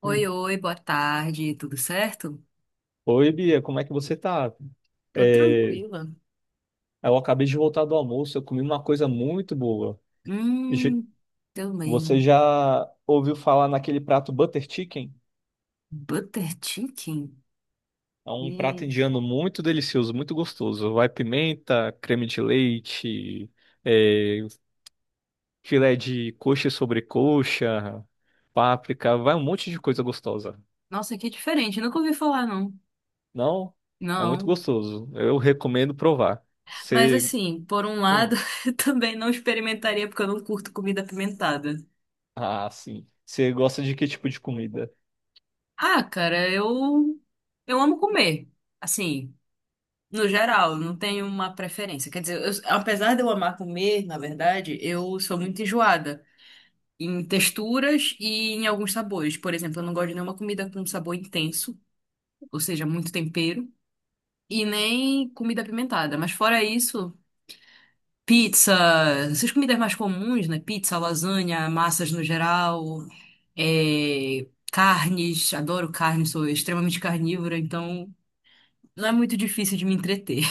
Oi, oi, boa tarde, tudo certo? Oi, Bia, como é que você tá? Tô É, tranquila. eu acabei de voltar do almoço, eu comi uma coisa muito boa. Je- Hum, Você também. já ouviu falar naquele prato Butter Chicken? Butter chicken? É um prato Hum, indiano muito delicioso, muito gostoso. Vai pimenta, creme de leite, é, filé de coxa sobre coxa, páprica, vai um monte de coisa gostosa. nossa, que diferente, nunca ouvi falar, não. Não? É muito Não. gostoso. Eu recomendo provar. Mas Você. assim, por um lado, Hum, eu também não experimentaria porque eu não curto comida apimentada. ah, sim. Você gosta de que tipo de comida? Ah, cara, eu amo comer. Assim, no geral, eu não tenho uma preferência. Quer dizer, eu- apesar de eu amar comer, na verdade, eu sou muito enjoada. Em texturas e em alguns sabores. Por exemplo, eu não gosto de nenhuma comida com sabor intenso, ou seja, muito tempero, e nem comida apimentada. Mas fora isso, pizza, essas comidas mais comuns, né? Pizza, lasanha, massas no geral, é, carnes, adoro carne, sou extremamente carnívora, então não é muito difícil de me entreter.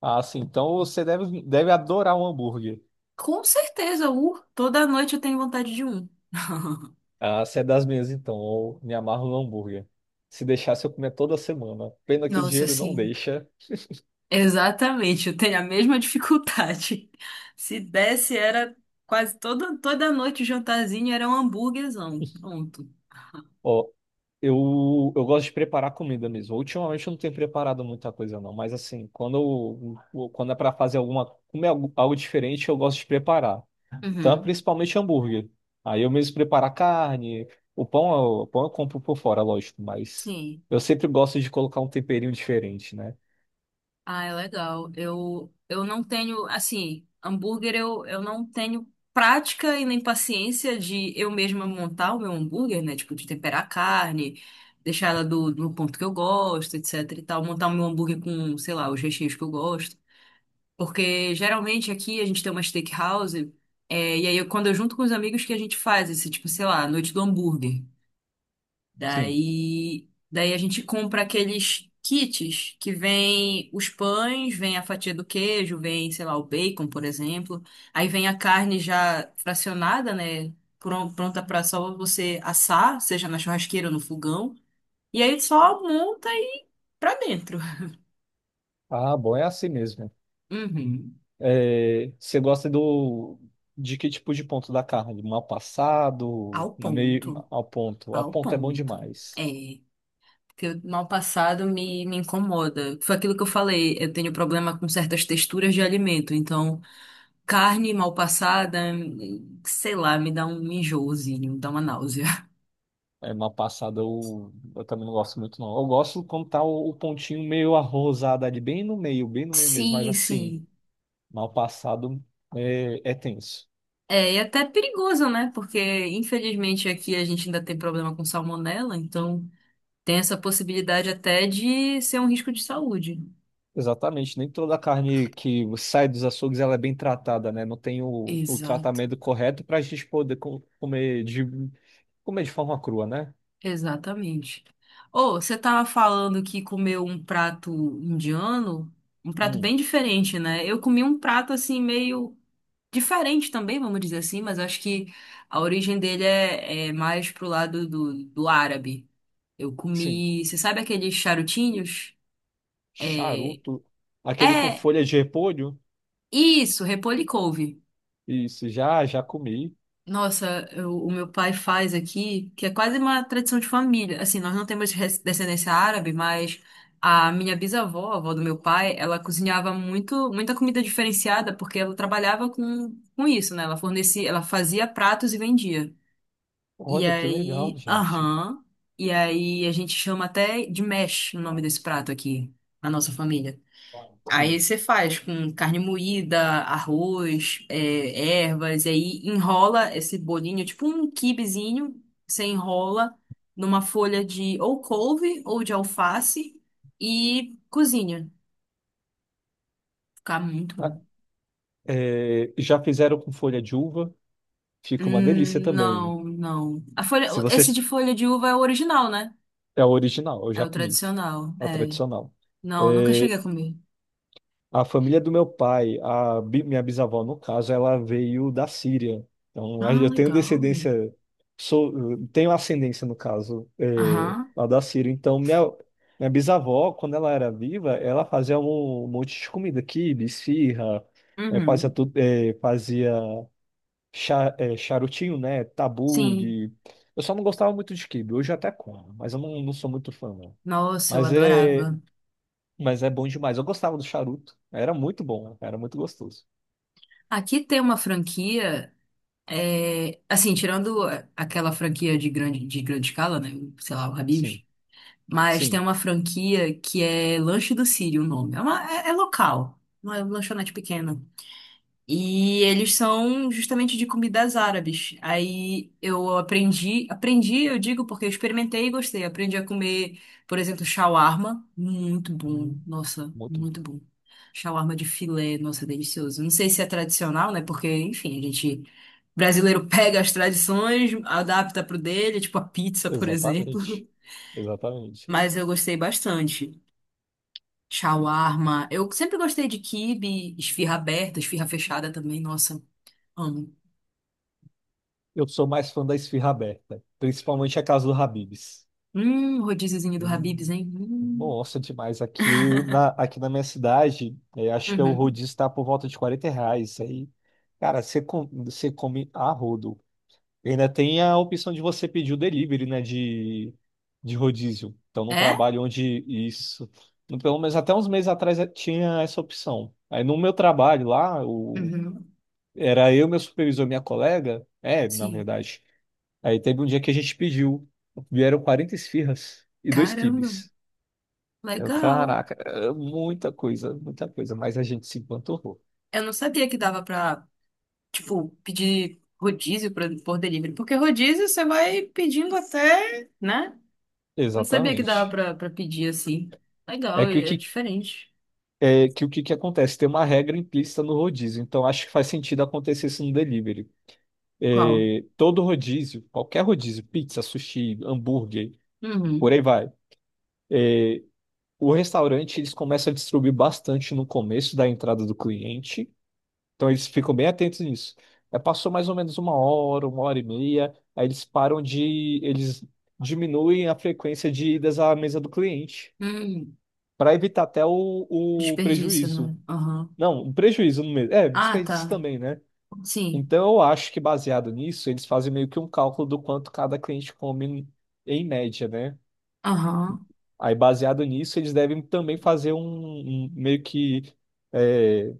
Ah, sim. Então você deve adorar um hambúrguer. Com certeza, toda noite eu tenho vontade de um. Ah, você é das minhas, então. Eu me amarro no hambúrguer. Se deixasse, eu comia toda semana. Pena que o Nossa, dinheiro não assim. deixa. Exatamente, eu tenho a mesma dificuldade. Se desse, era quase toda noite o jantarzinho era um hambúrguerzão. Pronto. Ó, eu gosto de preparar comida mesmo. Ultimamente eu não tenho preparado muita coisa, não. Mas assim, quando é para fazer comer algo, algo diferente, eu gosto de preparar. Então, Uhum. principalmente hambúrguer. Aí eu mesmo preparo a carne. O pão, o pão eu compro por fora, lógico. Mas Sim. eu sempre gosto de colocar um temperinho diferente, né? Ah, é legal. Eu não tenho, assim, hambúrguer eu não tenho prática e nem paciência de eu mesma montar o meu hambúrguer, né? Tipo, de temperar a carne, deixar ela do ponto que eu gosto, etc e tal. Montar o meu hambúrguer com, sei lá, os recheios que eu gosto. Porque geralmente aqui a gente tem uma steakhouse, é, e aí eu- quando eu junto com os amigos que a gente faz esse, tipo, sei lá, noite do hambúrguer. Sim. Daí a gente compra aqueles kits que vem os pães, vem a fatia do queijo, vem, sei lá, o bacon, por exemplo. Aí vem a carne já fracionada, né? Pronta para só você assar, seja na churrasqueira ou no fogão. E aí só monta e pra dentro. Ah, bom, é assim mesmo. Uhum. É, você gosta do de que tipo de ponto da carne? Mal passado, Ao meio ponto. ao ponto. Ao Ao ponto é bom ponto. demais. É. Que o mal passado me incomoda. Foi aquilo que eu falei, eu tenho problema com certas texturas de alimento, então carne mal passada, sei lá, me dá um enjoozinho, me dá uma náusea. É, mal passado eu também não gosto muito, não. Eu gosto quando tá o pontinho meio arrosado ali, bem no meio mesmo. Mas Sim, assim, sim. mal passado é tenso. É, e até perigoso, né? Porque infelizmente aqui a gente ainda tem problema com salmonela, então tem essa possibilidade até de ser um risco de saúde. Exatamente. Nem toda carne que sai dos açougues ela é bem tratada, né? Não tem o Exato. tratamento correto para a gente poder comer de forma crua, né? Exatamente. Ô, você tava falando que comeu um prato indiano, um prato Hum, bem diferente, né? Eu comi um prato assim meio diferente também, vamos dizer assim, mas acho que a origem dele é mais pro lado do árabe. Eu sim. comi, você sabe aqueles charutinhos? É, Charuto. Aquele com é folha de repolho? isso, repolho e couve. Isso, já, já comi. Nossa, eu- o meu pai faz aqui, que é quase uma tradição de família. Assim, nós não temos res- descendência árabe, mas a minha bisavó, a avó do meu pai, ela cozinhava muito, muita comida diferenciada, porque ela trabalhava com isso, né? Ela fornecia, ela fazia pratos e vendia. E Olha que legal, aí, gente. aham, e aí a gente chama até de mesh o nome desse prato aqui, na nossa família. Aí Sim. você faz com carne moída, arroz, é, ervas, e aí enrola esse bolinho, tipo um quibezinho, você enrola numa folha de ou couve ou de alface e cozinha. Fica muito bom. Ah, é, já fizeram com folha de uva. Fica uma delícia também. Não, não. A folha, Se esse você de folha de uva é o original, né? é a original, eu É já o comi, tradicional, a é. tradicional. Não, nunca É, cheguei a comer. a família do meu pai, minha bisavó, no caso, ela veio da Síria. Então, Ah, eu tenho legal. descendência, sou, tenho ascendência, no caso, Aham. lá da Síria. Então, minha bisavó, quando ela era viva, ela fazia um monte de comida, quibe, esfirra, fazia, Uhum. tudo, fazia charutinho, né? Tabu Sim. de... Eu só não gostava muito de quibe. Hoje eu até como, mas eu não, não sou muito fã, não. Nossa, eu Mas é. adorava. Mas é bom demais. Eu gostava do charuto. Era muito bom, era muito gostoso. Aqui tem uma franquia. É, assim, tirando aquela franquia de grande escala, né? Sei lá, o Sim, Habib's. Mas tem sim. uma franquia que é Lanche do Sírio, o nome. É, uma- é- é local, uma lanchonete pequena. E eles são justamente de comidas árabes. Aí eu aprendi, aprendi, eu digo porque eu experimentei e gostei. Aprendi a comer, por exemplo, shawarma. Muito bom. Hum, Nossa, muito bom. muito bom. Shawarma de filé, nossa, delicioso. Não sei se é tradicional, né? Porque, enfim, a gente brasileiro pega as tradições, adapta pro dele, tipo a pizza, por Exatamente. exemplo. Exatamente. Mas eu gostei bastante. Shawarma. Eu sempre gostei de quibe, esfirra aberta, esfirra fechada também. Nossa, amo. Eu sou mais fã da esfirra aberta, principalmente a casa do Habib's. Rodíziozinho do Habib's, Hum, hein? Hum. Nossa, demais. Aqui na minha cidade, acho que o Uhum. rodízio está por volta de R$ 40. Aí, cara, você come a rodo. E ainda tem a opção de você pedir o delivery, né, de rodízio. Então, num É? trabalho onde isso, pelo menos até uns meses atrás tinha essa opção. Aí no meu trabalho lá, Uhum. era eu, meu supervisor, minha colega, é, na Sim. verdade. Aí teve um dia que a gente pediu, vieram 40 esfirras e dois Caramba, quibes. Eu, legal. caraca, é muita coisa, mas a gente se empanturrou. Eu não sabia que dava pra, tipo, pedir rodízio pra- por delivery. Porque rodízio você vai pedindo até, né? Não sabia que dava Exatamente. pra, pra pedir assim. Legal, É que o é é que diferente. é que o que que acontece? Tem uma regra implícita no rodízio, então acho que faz sentido acontecer isso no delivery. Qual? É, todo rodízio, qualquer rodízio, pizza, sushi, hambúrguer, por Uhum. aí vai. O restaurante, eles começam a distribuir bastante no começo da entrada do cliente, então eles ficam bem atentos nisso. É, passou mais ou menos uma hora e meia, aí eles diminuem a frequência de idas à mesa do cliente, Hum, para evitar até o desperdício, prejuízo. né? Aham. Não, um prejuízo no mesmo. É, Ah, desperdício tá. também, né? Sim. Então, eu acho que baseado nisso, eles fazem meio que um cálculo do quanto cada cliente come em média, né? Aham. Aí, baseado nisso, eles devem também fazer meio que é,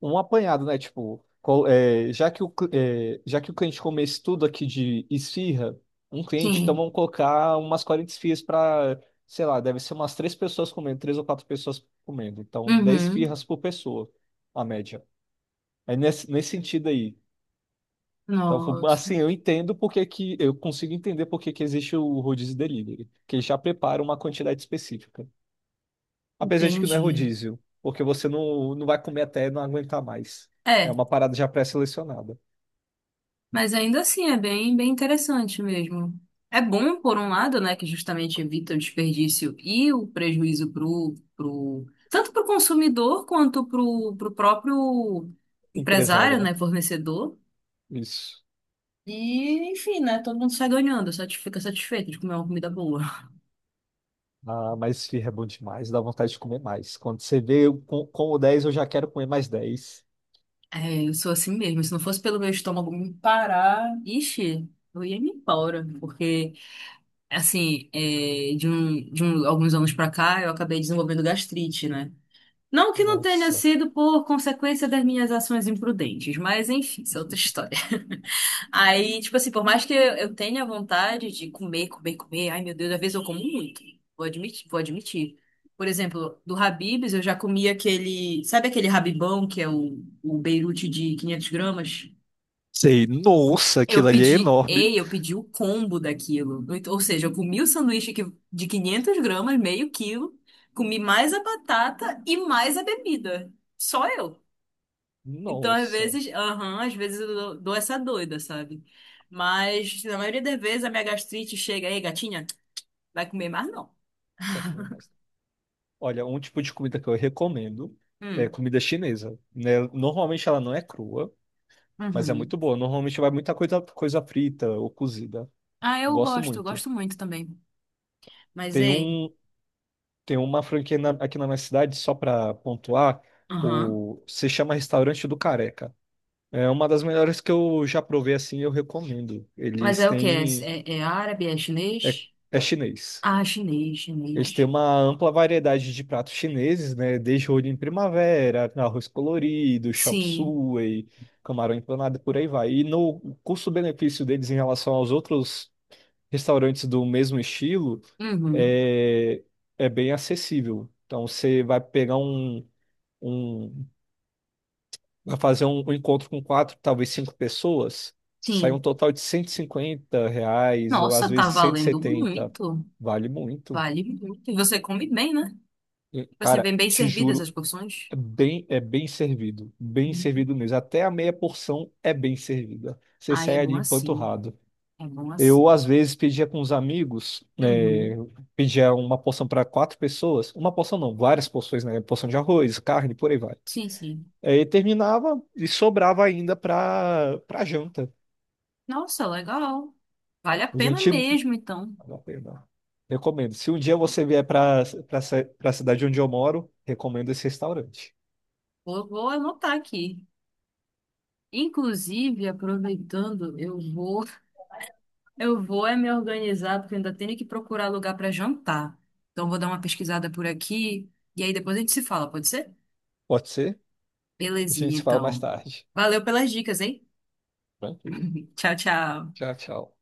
um apanhado, né? Tipo, já que já que o cliente come esse tudo aqui de esfirra, um cliente, então Sim. vamos colocar umas 40 esfirras para, sei lá, deve ser umas três pessoas comendo, três ou quatro pessoas comendo. Então, 10 Uhum. esfirras por pessoa, a média. É nesse sentido aí. Então, Nossa, assim, eu consigo entender porque que existe o rodízio delivery, que ele já prepara uma quantidade específica. Apesar de que não é entendi. rodízio, porque você não, não vai comer até não aguentar mais. É É, uma parada já pré-selecionada. mas ainda assim é bem, bem interessante mesmo. É bom, por um lado, né, que justamente evita o desperdício e o prejuízo pro, pro, tanto pro consumidor quanto pro, pro próprio Empresário, empresário, né? né, fornecedor. Isso. E, enfim, né? Todo mundo sai ganhando, satis- fica satisfeito de comer uma comida boa. Ah, mas firra é bom demais, dá vontade de comer mais. Quando você vê eu com o dez eu já quero comer mais 10. É, eu sou assim mesmo. Se não fosse pelo meu estômago me parar, ixi, eu ia me embora. Porque, assim, é, de um- alguns anos pra cá, eu acabei desenvolvendo gastrite, né? Não que não tenha Nossa. sido por consequência das minhas ações imprudentes, mas enfim, isso é outra história. Aí, tipo assim, por mais que eu tenha vontade de comer, comer, comer, ai meu Deus, às vezes eu como muito. Vou admitir, vou admitir. Por exemplo, do Habib's eu já comi aquele, sabe aquele Habibão que é o Beirute de 500 gramas? Sei, nossa, Eu aquilo ali é pedi, enorme. ei, eu pedi o combo daquilo. Então, ou seja, eu comi o sanduíche que- de 500 gramas, meio quilo, comi mais a batata e mais a bebida. Só eu. Então, às Nossa, vezes, aham, às vezes eu dou essa doida, sabe? Mas, na maioria das vezes, a minha gastrite chega aí, gatinha, vai comer mais não. pra comer mais. Olha, um tipo de comida que eu recomendo é Hum, comida chinesa, né? Normalmente ela não é crua, mas é uhum. muito boa. Normalmente vai muita coisa, coisa frita ou cozida. Ah, Gosto eu muito. gosto muito também. Mas, Tem ei, um, tem uma franquia aqui na minha cidade, só para pontuar, aham. Se chama Restaurante do Careca. É uma das melhores que eu já provei assim, eu recomendo. Mas Eles é o quê? têm, É, é é árabe? É é, chinês? é chinês. Ah, chinês, Eles têm chinês. uma ampla variedade de pratos chineses, né? Desde rolho em primavera, arroz colorido, chop Sim, suey, camarão empanado, por aí vai. E no custo-benefício deles em relação aos outros restaurantes do mesmo estilo, uhum, é, é bem acessível. Então você vai pegar um, um vai fazer um encontro com quatro, talvez cinco pessoas, sai um sim. total de R$ 150 ou às Nossa, tá vezes cento e valendo setenta. muito. Vale muito. Vale muito. E você come bem, né? E, Tipo assim, cara, vem bem te servidas juro, as porções. É bem Uhum. servido mesmo. Até a meia porção é bem servida. Você Ai, é sai bom ali assim. empanturrado. É bom Eu, assim. às vezes, pedia com os amigos, é, Uhum. pedia uma porção para quatro pessoas, uma porção não, várias porções, né? Porção de arroz, carne, por aí vai. Sim, sim. Aí terminava e sobrava ainda para janta. Nossa, legal. Vale a pena Gente, mesmo, então. vale a pena. Recomendo. Se um dia você vier para a cidade onde eu moro, recomendo esse restaurante. Vou, vou anotar aqui. Inclusive, aproveitando, eu vou, eu vou é me organizar, porque eu ainda tenho que procurar lugar para jantar. Então, vou dar uma pesquisada por aqui e aí depois a gente se fala, pode ser? Pode ser? A gente Belezinha, se fala mais então. tarde. Valeu pelas dicas, hein? Tranquilo. Tchau, tchau. Tchau, tchau.